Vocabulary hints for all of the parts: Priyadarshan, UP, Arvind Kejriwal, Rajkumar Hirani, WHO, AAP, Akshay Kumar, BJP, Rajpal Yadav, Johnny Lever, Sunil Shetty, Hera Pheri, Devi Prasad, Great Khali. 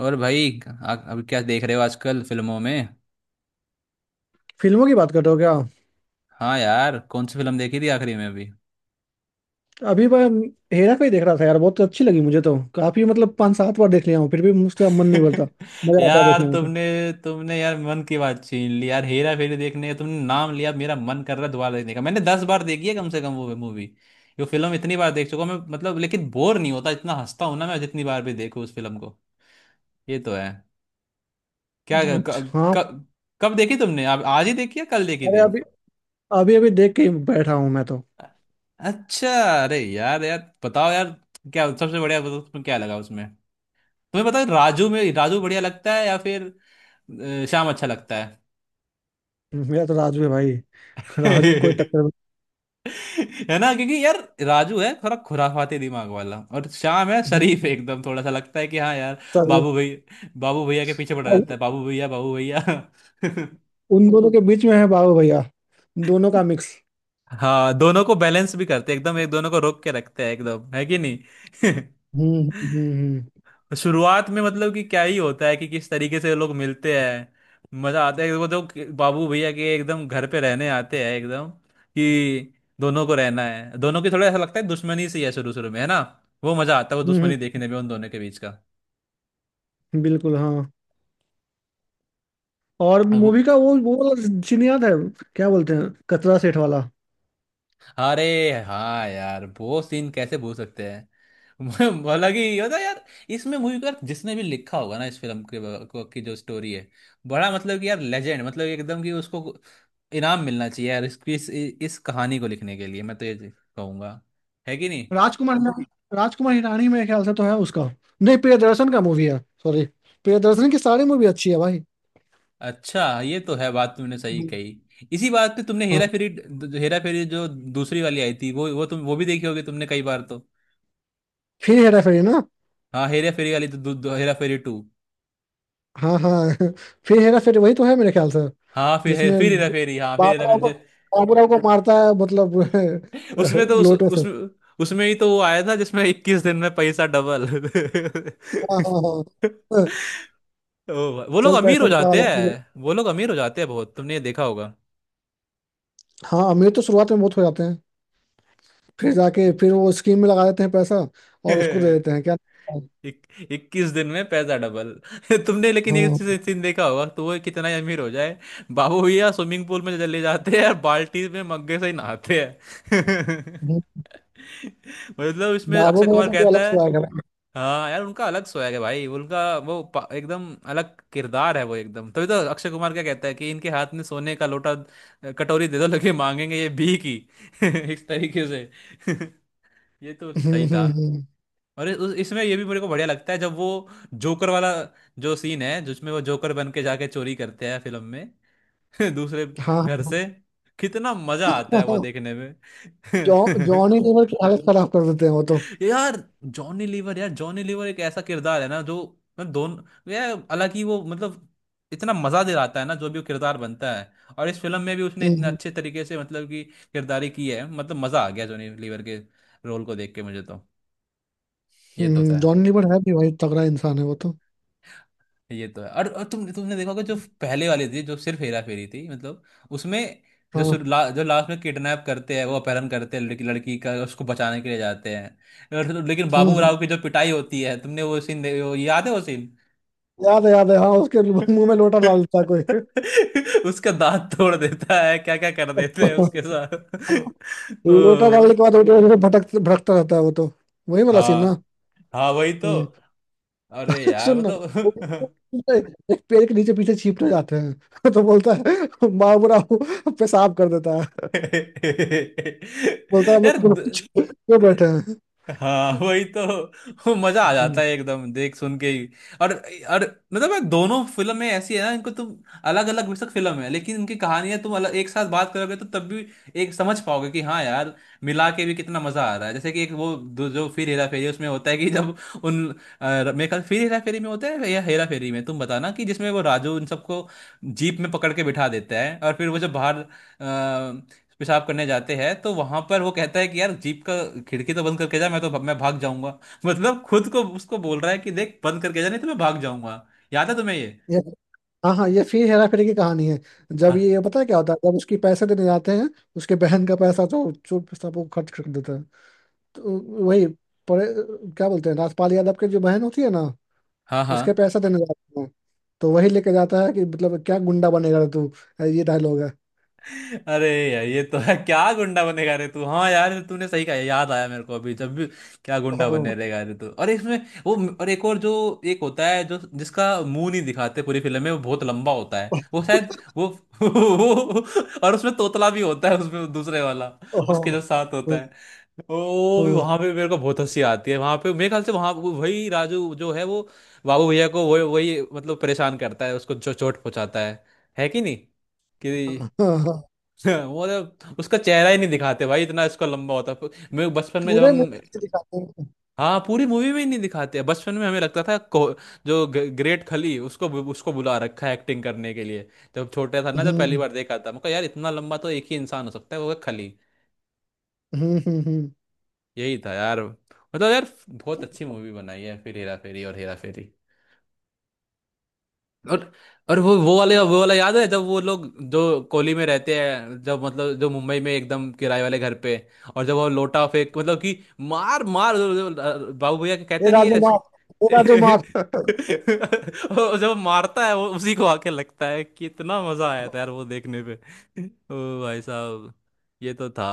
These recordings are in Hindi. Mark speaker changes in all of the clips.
Speaker 1: और भाई अभी क्या देख रहे हो आजकल फिल्मों में।
Speaker 2: फिल्मों की बात कर रहे हो क्या?
Speaker 1: हाँ यार, कौन सी फिल्म देखी थी आखिरी में अभी।
Speaker 2: अभी मैं हेरा फेरी देख रहा था यार, बहुत अच्छी लगी मुझे। तो काफी मतलब 5 7 बार देख लिया हूँ, फिर भी मुझसे मन नहीं भरता। मजा आता है
Speaker 1: यार
Speaker 2: देखने में तो।
Speaker 1: तुमने तुमने यार मन की बात छीन ली यार, हेरा फेरी देखने का तुमने नाम लिया, मेरा मन कर रहा है दोबारा देखने का। मैंने 10 बार देखी है कम से कम वो मूवी। ये फिल्म इतनी बार देख चुका हूं मैं, मतलब लेकिन बोर नहीं होता, इतना हंसता हूं ना मैं जितनी बार भी देखूं उस फिल्म को। ये तो है। क्या क,
Speaker 2: अच्छा, हाँ।
Speaker 1: क, कब देखी तुमने? आप आज ही देखी या कल देखी
Speaker 2: अरे,
Speaker 1: थी?
Speaker 2: अभी अभी अभी देख के ही बैठा हूँ मैं तो।
Speaker 1: अच्छा, अरे यार यार बताओ यार, क्या सबसे बढ़िया, बताओ तुम्हें क्या लगा उसमें? तुम्हें पता है राजू में राजू बढ़िया लगता है या फिर श्याम अच्छा लगता है?
Speaker 2: मेरा तो राजू है भाई, राजू कोई टक्कर
Speaker 1: है ना, क्योंकि यार राजू है थोड़ा खुराफाती दिमाग वाला और श्याम है
Speaker 2: नहीं।
Speaker 1: शरीफ एकदम, थोड़ा सा लगता है कि हाँ यार।
Speaker 2: सर,
Speaker 1: बाबू भैया, बाबू भैया के पीछे पड़ा रहता है, बाबू भैया बाबू भैया।
Speaker 2: उन दोनों के बीच में है बाबू भैया, दोनों का मिक्स।
Speaker 1: हाँ, दोनों को बैलेंस भी करते हैं एकदम एक, दोनों को रोक के रखते हैं एकदम, है कि नहीं?
Speaker 2: हम्म हम्म हम्म
Speaker 1: शुरुआत में मतलब कि क्या ही होता है कि किस तरीके से लोग मिलते हैं। मजा आता है वो तो। बाबू भैया के एकदम घर पे रहने आते हैं, एकदम कि दोनों को रहना है, दोनों की थोड़ा ऐसा लगता है दुश्मनी सी है शुरू शुरू में, है ना। वो मजा आता है वो
Speaker 2: हम्म।
Speaker 1: दुश्मनी देखने में उन दोनों के बीच
Speaker 2: बिल्कुल, हाँ। और
Speaker 1: का।
Speaker 2: मूवी का वो वाला सीन याद है? क्या बोलते हैं, कचरा सेठ वाला?
Speaker 1: अरे हाँ यार, वो सीन कैसे भूल सकते हैं। हालांकि ये होता है यार, इसमें मूवी का जिसने भी लिखा होगा ना इस फिल्म के की जो स्टोरी है, बड़ा मतलब कि यार लेजेंड, मतलब एकदम कि उसको इनाम मिलना चाहिए यार इसकी इस कहानी को लिखने के लिए, मैं तो ये कहूंगा। है कि नहीं।
Speaker 2: राजकुमार हिरानी, राजकुमार हिरानी मेरे ख्याल से तो है उसका। नहीं, प्रियदर्शन का मूवी है, सॉरी। प्रियदर्शन की सारी मूवी अच्छी है भाई।
Speaker 1: अच्छा ये तो है, बात तुमने सही कही, इसी बात पे तुमने
Speaker 2: हाँ,
Speaker 1: हेरा फेरी, जो हेरा फेरी जो दूसरी वाली आई थी वो तुम वो भी देखी होगी तुमने कई बार तो।
Speaker 2: फिर हेरा फेरी ना।
Speaker 1: हाँ हेरा फेरी वाली तो दू- दू- हेरा फेरी टू।
Speaker 2: हाँ हाँ फिर हेरा फेरी वही तो है मेरे ख्याल से।
Speaker 1: हाँ फिर
Speaker 2: जिसमें
Speaker 1: फिर हेरा फेरी, हाँ फिर हेरा
Speaker 2: बाबूराव को
Speaker 1: फेरी।
Speaker 2: बाबूराव को मारता है मतलब
Speaker 1: उसमें तो उस
Speaker 2: लोटो से।
Speaker 1: उसमें, उसमें ही तो वो आया था जिसमें 21 दिन में पैसा डबल।
Speaker 2: हाँ हाँ हाँ,
Speaker 1: ओ भाई, वो लोग
Speaker 2: चल
Speaker 1: अमीर
Speaker 2: पैसे
Speaker 1: हो
Speaker 2: निकाल
Speaker 1: जाते
Speaker 2: अपने।
Speaker 1: हैं, वो लोग अमीर हो जाते हैं बहुत, तुमने ये देखा होगा।
Speaker 2: हाँ, अमीर तो शुरुआत में बहुत हो जाते हैं। फिर जाके फिर वो स्कीम में लगा देते हैं पैसा, और उसको दे देते हैं क्या।
Speaker 1: इक, 21 दिन में पैसा डबल। तुमने लेकिन ये
Speaker 2: हाँ,
Speaker 1: सीन देखा होगा, तो वो कितना ही अमीर हो जाए, बाबू भैया स्विमिंग पूल में चले जाते हैं और बाल्टी में मग्गे से ही नहाते हैं। मतलब इसमें
Speaker 2: बाबू
Speaker 1: अक्षय
Speaker 2: भैया
Speaker 1: कुमार
Speaker 2: तो कोई
Speaker 1: कहता
Speaker 2: अलग
Speaker 1: है।
Speaker 2: से आएगा।
Speaker 1: हाँ यार उनका अलग स्वैग है भाई उनका, एकदम अलग किरदार है वो एकदम, तभी तो अक्षय कुमार क्या कहता है कि इनके हाथ में सोने का लोटा कटोरी दे दो लगे मांगेंगे ये भी की। इस तरीके से। ये तो सही था।
Speaker 2: हम्म।
Speaker 1: और इसमें ये भी मेरे को बढ़िया लगता है जब वो जोकर वाला जो सीन है जिसमें वो जोकर बन के जाके चोरी करते हैं फिल्म में। दूसरे
Speaker 2: हाँ
Speaker 1: घर से कितना मजा आता है वो
Speaker 2: हाँ,
Speaker 1: देखने में।
Speaker 2: जॉनी लीवर की हालत खराब कर देते हैं वो तो।
Speaker 1: यार जॉनी लीवर, यार जॉनी लीवर एक ऐसा किरदार है ना जो मतलब दोनों यार, हालांकि वो मतलब इतना मजा दिलाता है ना जो भी वो किरदार बनता है, और इस फिल्म में भी उसने इतने
Speaker 2: हम्म
Speaker 1: अच्छे तरीके से मतलब कि किरदारी की है, मतलब मजा आ गया जॉनी लीवर के रोल को देख के मुझे तो। ये तो
Speaker 2: हम्म।
Speaker 1: था।
Speaker 2: जॉनी लीवर है भी भाई, तगड़ा इंसान है वो तो।
Speaker 1: ये तो है, और तुमने देखा होगा जो पहले वाली थी जो सिर्फ हेरा फेरी थी, मतलब उसमें जो
Speaker 2: हाँ।
Speaker 1: जो लास्ट में किडनैप करते हैं, वो अपहरण करते हैं लड़की, लड़की का उसको बचाने के लिए जाते हैं लेकिन बाबू
Speaker 2: हम्म।
Speaker 1: राव की जो पिटाई होती है तुमने वो सीन वो याद है वो।
Speaker 2: याद है याद है, हाँ उसके मुंह में लोटा डाल देता है कोई।
Speaker 1: उसका दांत तोड़ देता है, क्या क्या कर देते हैं उसके साथ।
Speaker 2: हाँ, लोटा
Speaker 1: ओ,
Speaker 2: डालने के बाद वो जो है भटक भटकता रहता है वो तो। वही वाला सीन ना?
Speaker 1: हाँ हाँ वही तो।
Speaker 2: हम्म।
Speaker 1: अरे यार
Speaker 2: सुन ना, वो-
Speaker 1: मतलब।
Speaker 2: एक पेड़ के नीचे पीछे छिपने जाते हैं तो बोलता है बाबूराव पेशाब कर देता है। बोलता है हम
Speaker 1: यार
Speaker 2: लोग
Speaker 1: द-
Speaker 2: क्यों क्यों बैठे हैं।
Speaker 1: हाँ वही तो, वो मजा आ जाता
Speaker 2: हम्म।
Speaker 1: है एकदम देख सुन के ही। और, मतलब यार दोनों फिल्में ऐसी है ना, इनको तुम अलग अलग बेशक फिल्म है लेकिन उनकी कहानियां तुम अलग एक साथ बात करोगे तो तब भी एक समझ पाओगे कि हाँ यार मिला के भी कितना मजा आ रहा है। जैसे कि एक वो जो फिर हेरा फेरी है, उसमें होता है कि जब उन मेरे ख्याल फिर हेरा फेरी में होता है या हेरा फेरी में तुम बताना, कि जिसमें वो राजू उन सबको जीप में पकड़ के बिठा देता है और फिर वो जब बाहर पेशाब करने जाते हैं तो वहां पर वो कहता है कि यार जीप का खिड़की तो बंद करके जा, मैं भाग जाऊंगा। मतलब खुद को उसको बोल रहा है कि देख बंद करके जा नहीं तो मैं भाग जाऊंगा। याद है तुम्हें ये?
Speaker 2: हाँ हाँ, ये फिर हेरा फेरी की कहानी है। जब
Speaker 1: हाँ
Speaker 2: ये पता है क्या होता है, जब उसकी पैसे देने जाते हैं। उसके बहन का पैसा तो चुप सब वो खर्च कर देता है, तो वही परे क्या बोलते हैं राजपाल यादव की जो बहन होती है ना,
Speaker 1: हाँ हाँ।
Speaker 2: उसके पैसा देने जाते हैं। तो वही लेके जाता है कि मतलब क्या गुंडा बनेगा तू, ये डायलॉग है।
Speaker 1: अरे यार ये तो है, क्या गुंडा बनेगा रे तू, हाँ यार तूने सही कहा, याद आया मेरे को अभी, जब भी क्या गुंडा बने
Speaker 2: ओहो,
Speaker 1: रहेगा रे तू। और इसमें वो और एक और जो एक होता है जो जिसका मुंह नहीं दिखाते पूरी फिल्म में, वो बहुत लंबा होता है वो शायद वो। और उसमें तोतला भी होता है उसमें दूसरे वाला
Speaker 2: ओहो,
Speaker 1: उसके जो साथ होता
Speaker 2: ओहो,
Speaker 1: है, ओ भी
Speaker 2: ओहो,
Speaker 1: वहां पे मेरे को बहुत हंसी आती है, वहां पे मेरे ख्याल से वहां वही राजू जो है वो बाबू भैया को वही वही मतलब परेशान करता है, उसको चोट पहुंचाता है। है कि नहीं कि?
Speaker 2: ओहो।
Speaker 1: वो तो उसका चेहरा ही नहीं दिखाते भाई, इतना इसका लंबा होता है। मैं बचपन में जब
Speaker 2: पूरे
Speaker 1: हम,
Speaker 2: मूवी में दिखाते हैं।
Speaker 1: हाँ पूरी मूवी में ही नहीं दिखाते, बचपन में हमें लगता था जो ग्रेट खली उसको उसको बुला रखा है एक्टिंग करने के लिए। जब छोटा था ना, जब पहली
Speaker 2: हम्म
Speaker 1: बार देखा था, मैं कहा यार इतना लंबा तो एक ही इंसान हो सकता है वो है खली।
Speaker 2: हम्म।
Speaker 1: यही था यार, मतलब यार बहुत अच्छी मूवी बनाई है फिर हेरा फेरी और हेरा फेरी। और और वो वाले वो वाला याद है जब वो लोग जो कोली में रहते हैं, जब मतलब जो मुंबई में एकदम किराए वाले घर पे, और जब वो लोटा फेंक मतलब कि मार मार बाबू भैया के
Speaker 2: ये
Speaker 1: कहते नहीं है।
Speaker 2: राजू माफ, ये राजू माफ।
Speaker 1: और जब वो मारता है वो उसी को आके लगता है, कितना मजा आया था यार वो देखने पे। ओ भाई साहब, ये तो था।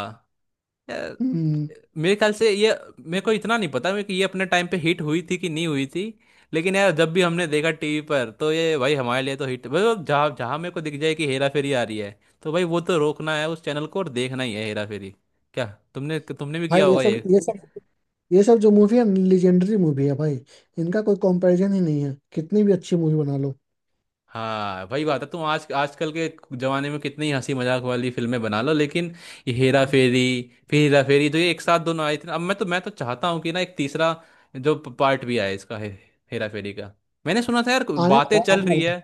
Speaker 2: हम्म।
Speaker 1: मेरे ख्याल से ये मेरे को इतना नहीं पता, मेरे को ये अपने टाइम पे हिट हुई थी कि नहीं हुई थी, लेकिन यार जब भी हमने देखा टीवी पर तो ये भाई हमारे लिए तो हिट, मतलब जहाँ जहाँ मेरे को दिख जाए कि हेरा फेरी आ रही है तो भाई वो तो रोकना है उस चैनल को और देखना ही है हेरा फेरी। क्या तुमने तुमने भी
Speaker 2: भाई,
Speaker 1: किया
Speaker 2: ये
Speaker 1: होगा ये?
Speaker 2: सब ये सब ये सब जो मूवी है, लेजेंडरी मूवी है भाई। इनका कोई कंपैरिजन ही नहीं है, कितनी भी अच्छी मूवी बना लो।
Speaker 1: हाँ वही बात है, तुम आज आजकल के जमाने में कितनी हंसी मजाक वाली फिल्में बना लो लेकिन ये हेरा फेरी, फिर हेरा फेरी, तो ये एक साथ दोनों आई थी ना। अब मैं तो चाहता हूँ कि ना एक तीसरा जो पार्ट भी आए इसका, हेरा फेरी का। मैंने सुना था यार
Speaker 2: आने
Speaker 1: बातें
Speaker 2: वाला
Speaker 1: चल
Speaker 2: आने
Speaker 1: रही
Speaker 2: वाला
Speaker 1: है।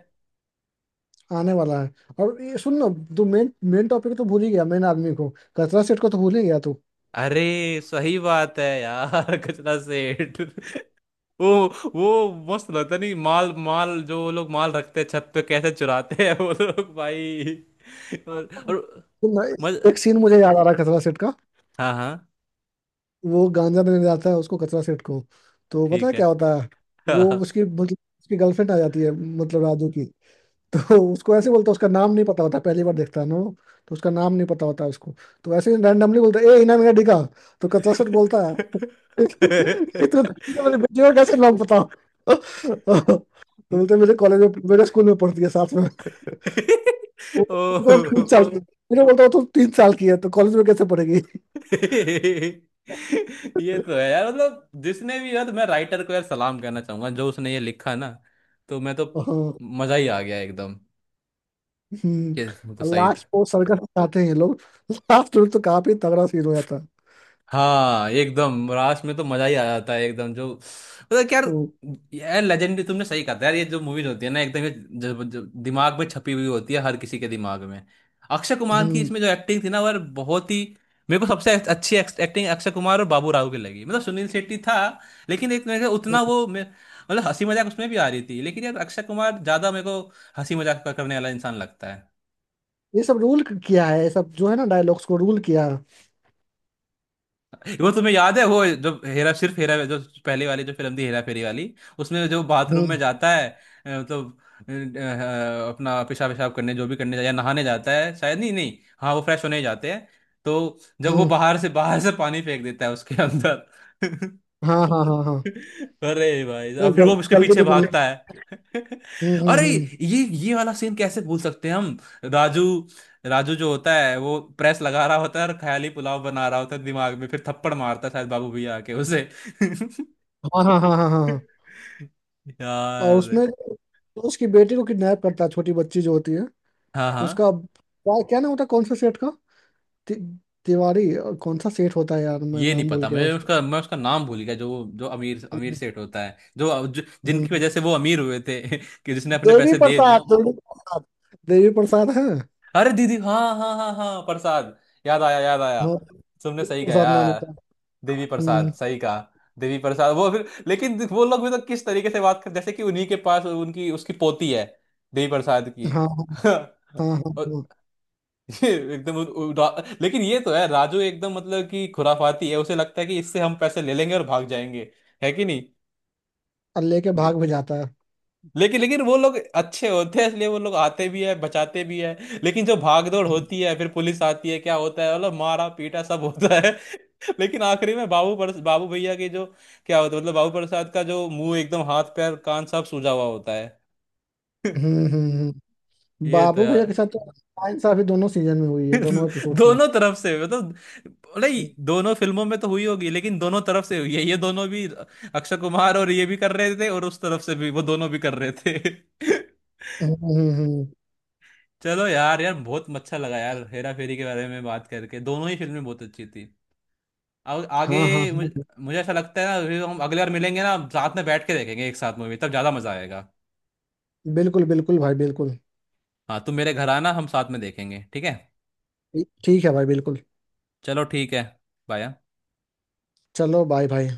Speaker 2: है, आने वाला है। और ये सुन ना, तू मेन मेन टॉपिक तो भूल ही गया, मेन आदमी को। खतरा सेठ को तो भूल ही गया तू।
Speaker 1: अरे सही बात है यार। कचरा सेठ। वो वो मस्त लगता नहीं, माल माल जो वो लोग माल रखते हैं छत पे कैसे चुराते हैं वो लोग भाई। और
Speaker 2: सुन ना,
Speaker 1: मज,
Speaker 2: एक सीन मुझे याद आ रहा है खतरा सेठ का।
Speaker 1: हाँ हाँ
Speaker 2: वो गांजा देने जाता है उसको, खतरा सेठ को। तो पता
Speaker 1: ठीक
Speaker 2: है
Speaker 1: है।
Speaker 2: क्या होता है, वो उसकी मतलब उसकी गर्लफ्रेंड आ जाती है, मतलब राजू की। तो उसको ऐसे बोलता है, उसका नाम नहीं पता होता, पहली बार देखता है ना वो, तो उसका नाम नहीं पता होता उसको। तो ऐसे रैंडमली बोलता है ए इनाम मेरा डिगा। तो कचरा सर बोलता है, कितने मेरे बेटे का कैसे नाम पता। तो बोलते मेरे कॉलेज में, मेरे स्कूल में पढ़ती है साथ में। वो तो तीन
Speaker 1: ओ,
Speaker 2: साल की मैंने बोलता वो तो 3 साल की है, तो कॉलेज में कैसे पढ़ेगी।
Speaker 1: ये तो है यार, मतलब जिसने भी यार, तो मैं राइटर को यार सलाम करना चाहूंगा जो उसने ये लिखा ना, तो मैं तो
Speaker 2: हाँ,
Speaker 1: मजा ही आ गया एकदम कि तो सही।
Speaker 2: लास्ट को सर्कस आते हैं ये लोग। लास्ट में तो काफी तगड़ा सीन हो जाता है।
Speaker 1: हाँ एकदम लास्ट में तो मजा ही आ जाता है एकदम, जो मतलब कि यार, यार लेजेंडरी तुमने सही कहा था यार, ये जो मूवीज होती है ना एकदम, ये दिमाग में छपी हुई होती है हर किसी के दिमाग में। अक्षय कुमार की
Speaker 2: हम्म।
Speaker 1: इसमें जो एक्टिंग थी ना वो यार बहुत ही, मेरे को सबसे अच्छी एक्टिंग अक्षय कुमार और बाबू राव की लगी, मतलब सुनील शेट्टी था लेकिन एक मेरे को उतना वो मतलब हंसी मजाक उसमें भी आ रही थी लेकिन यार अक्षय कुमार ज्यादा मेरे को हंसी मजाक करने वाला इंसान लगता है।
Speaker 2: ये सब रूल किया है, ये सब जो है ना डायलॉग्स को रूल किया है।
Speaker 1: वो तुम्हें याद है वो जो हेरा सिर्फ हेरा जो पहले वाली जो फिल्म थी हेरा फेरी वाली, उसमें जो बाथरूम में
Speaker 2: हम्म
Speaker 1: जाता है मतलब अपना पेशाब पेशाब करने जो भी करने जाता है, या नहाने जाता है शायद, नहीं नहीं हाँ वो फ्रेश होने ही जाते हैं, तो जब वो
Speaker 2: हम्म।
Speaker 1: बाहर से पानी फेंक देता है उसके अंदर।
Speaker 2: हाँ हाँ हाँ हाँ।
Speaker 1: अरे भाई, और
Speaker 2: अरे
Speaker 1: फिर वो उसके
Speaker 2: जल्दी
Speaker 1: पीछे
Speaker 2: तो मिल-।
Speaker 1: भागता है। अरे,
Speaker 2: हम्म।
Speaker 1: ये वाला सीन कैसे भूल सकते हैं हम? राजू, राजू जो होता है वो प्रेस लगा रहा होता है और ख्याली पुलाव बना रहा होता है दिमाग में, फिर थप्पड़ मारता है शायद बाबू भैया आके उसे।
Speaker 2: हाँ हाँ हाँ हाँ हाँ हाँ। और
Speaker 1: यार,
Speaker 2: उसमें तो उसकी बेटी को किडनैप करता है, छोटी बच्ची जो होती है।
Speaker 1: हाँ हाँ,
Speaker 2: उसका क्या क्या नाम होता है, कौन सा सेठ का? ति, तिवारी, और कौन सा सेठ होता है यार, मैं
Speaker 1: ये नहीं
Speaker 2: नाम भूल
Speaker 1: पता
Speaker 2: गया
Speaker 1: मुझे
Speaker 2: उसका।
Speaker 1: उसका, मैं उसका नाम भूल गया जो जो अमीर अमीर
Speaker 2: हम्म,
Speaker 1: सेठ होता है जो जिनकी
Speaker 2: हम्म।
Speaker 1: वजह से वो अमीर हुए थे कि जिसने अपने
Speaker 2: देवी
Speaker 1: पैसे दे।
Speaker 2: प्रसाद, देवी प्रसाद। देवी प्रसाद है।
Speaker 1: अरे दीदी हाँ हाँ हाँ हाँ प्रसाद, याद आया याद आया,
Speaker 2: हाँ,
Speaker 1: तुमने
Speaker 2: देवी
Speaker 1: सही कहा
Speaker 2: प्रसाद नाम
Speaker 1: यार,
Speaker 2: होता है।
Speaker 1: देवी प्रसाद
Speaker 2: हम्म।
Speaker 1: सही कहा, देवी प्रसाद। वो फिर लेकिन वो लोग भी तो किस तरीके से बात कर जैसे कि उन्हीं के पास उनकी उसकी पोती है देवी प्रसाद की।
Speaker 2: हाँ हाँ
Speaker 1: और
Speaker 2: हाँ हाँ हाँ।
Speaker 1: ये एकदम लेकिन ये तो है राजू एकदम मतलब कि खुराफाती है, उसे लगता है कि इससे हम पैसे ले लेंगे और भाग जाएंगे। है कि नहीं?
Speaker 2: और लेके भाग भी जाता है।
Speaker 1: लेकिन लेकिन वो लोग अच्छे होते हैं इसलिए वो लोग आते भी है बचाते भी है, लेकिन जो भागदौड़ होती है, फिर पुलिस आती है क्या होता है, मतलब मारा पीटा सब होता है। लेकिन आखिरी में बाबू पर, बाबू भैया के जो क्या होता है, मतलब बाबू प्रसाद का जो मुंह एकदम हाथ पैर कान सब सूजा हुआ होता है।
Speaker 2: हम्म हम्म हम्म।
Speaker 1: ये तो
Speaker 2: बाबू भैया
Speaker 1: यार।
Speaker 2: के साथ तो आयन साहब ही दोनों सीजन में हुई है, दोनों एपिसोड्स में।
Speaker 1: दोनों तरफ से मतलब, नहीं
Speaker 2: हम्म
Speaker 1: दोनों फिल्मों में तो हुई होगी लेकिन दोनों तरफ से हुई है ये दोनों भी, अक्षय कुमार और ये भी कर रहे थे और उस तरफ से भी वो दोनों भी कर रहे थे।
Speaker 2: हम्म हम्म।
Speaker 1: चलो यार, यार बहुत अच्छा लगा यार हेरा फेरी के बारे में बात करके, दोनों ही फिल्में बहुत अच्छी थी। और
Speaker 2: हाँ हाँ
Speaker 1: आगे
Speaker 2: हाँ,
Speaker 1: मुझे ऐसा लगता है ना फिर हम अगले बार मिलेंगे ना, साथ में बैठ के देखेंगे एक साथ मूवी तब ज़्यादा मज़ा आएगा।
Speaker 2: बिल्कुल बिल्कुल भाई, बिल्कुल।
Speaker 1: हाँ तुम मेरे घर आना, हम साथ में देखेंगे, ठीक है।
Speaker 2: ठीक है भाई, बिल्कुल।
Speaker 1: चलो ठीक है, बाय।
Speaker 2: चलो, बाय भाई।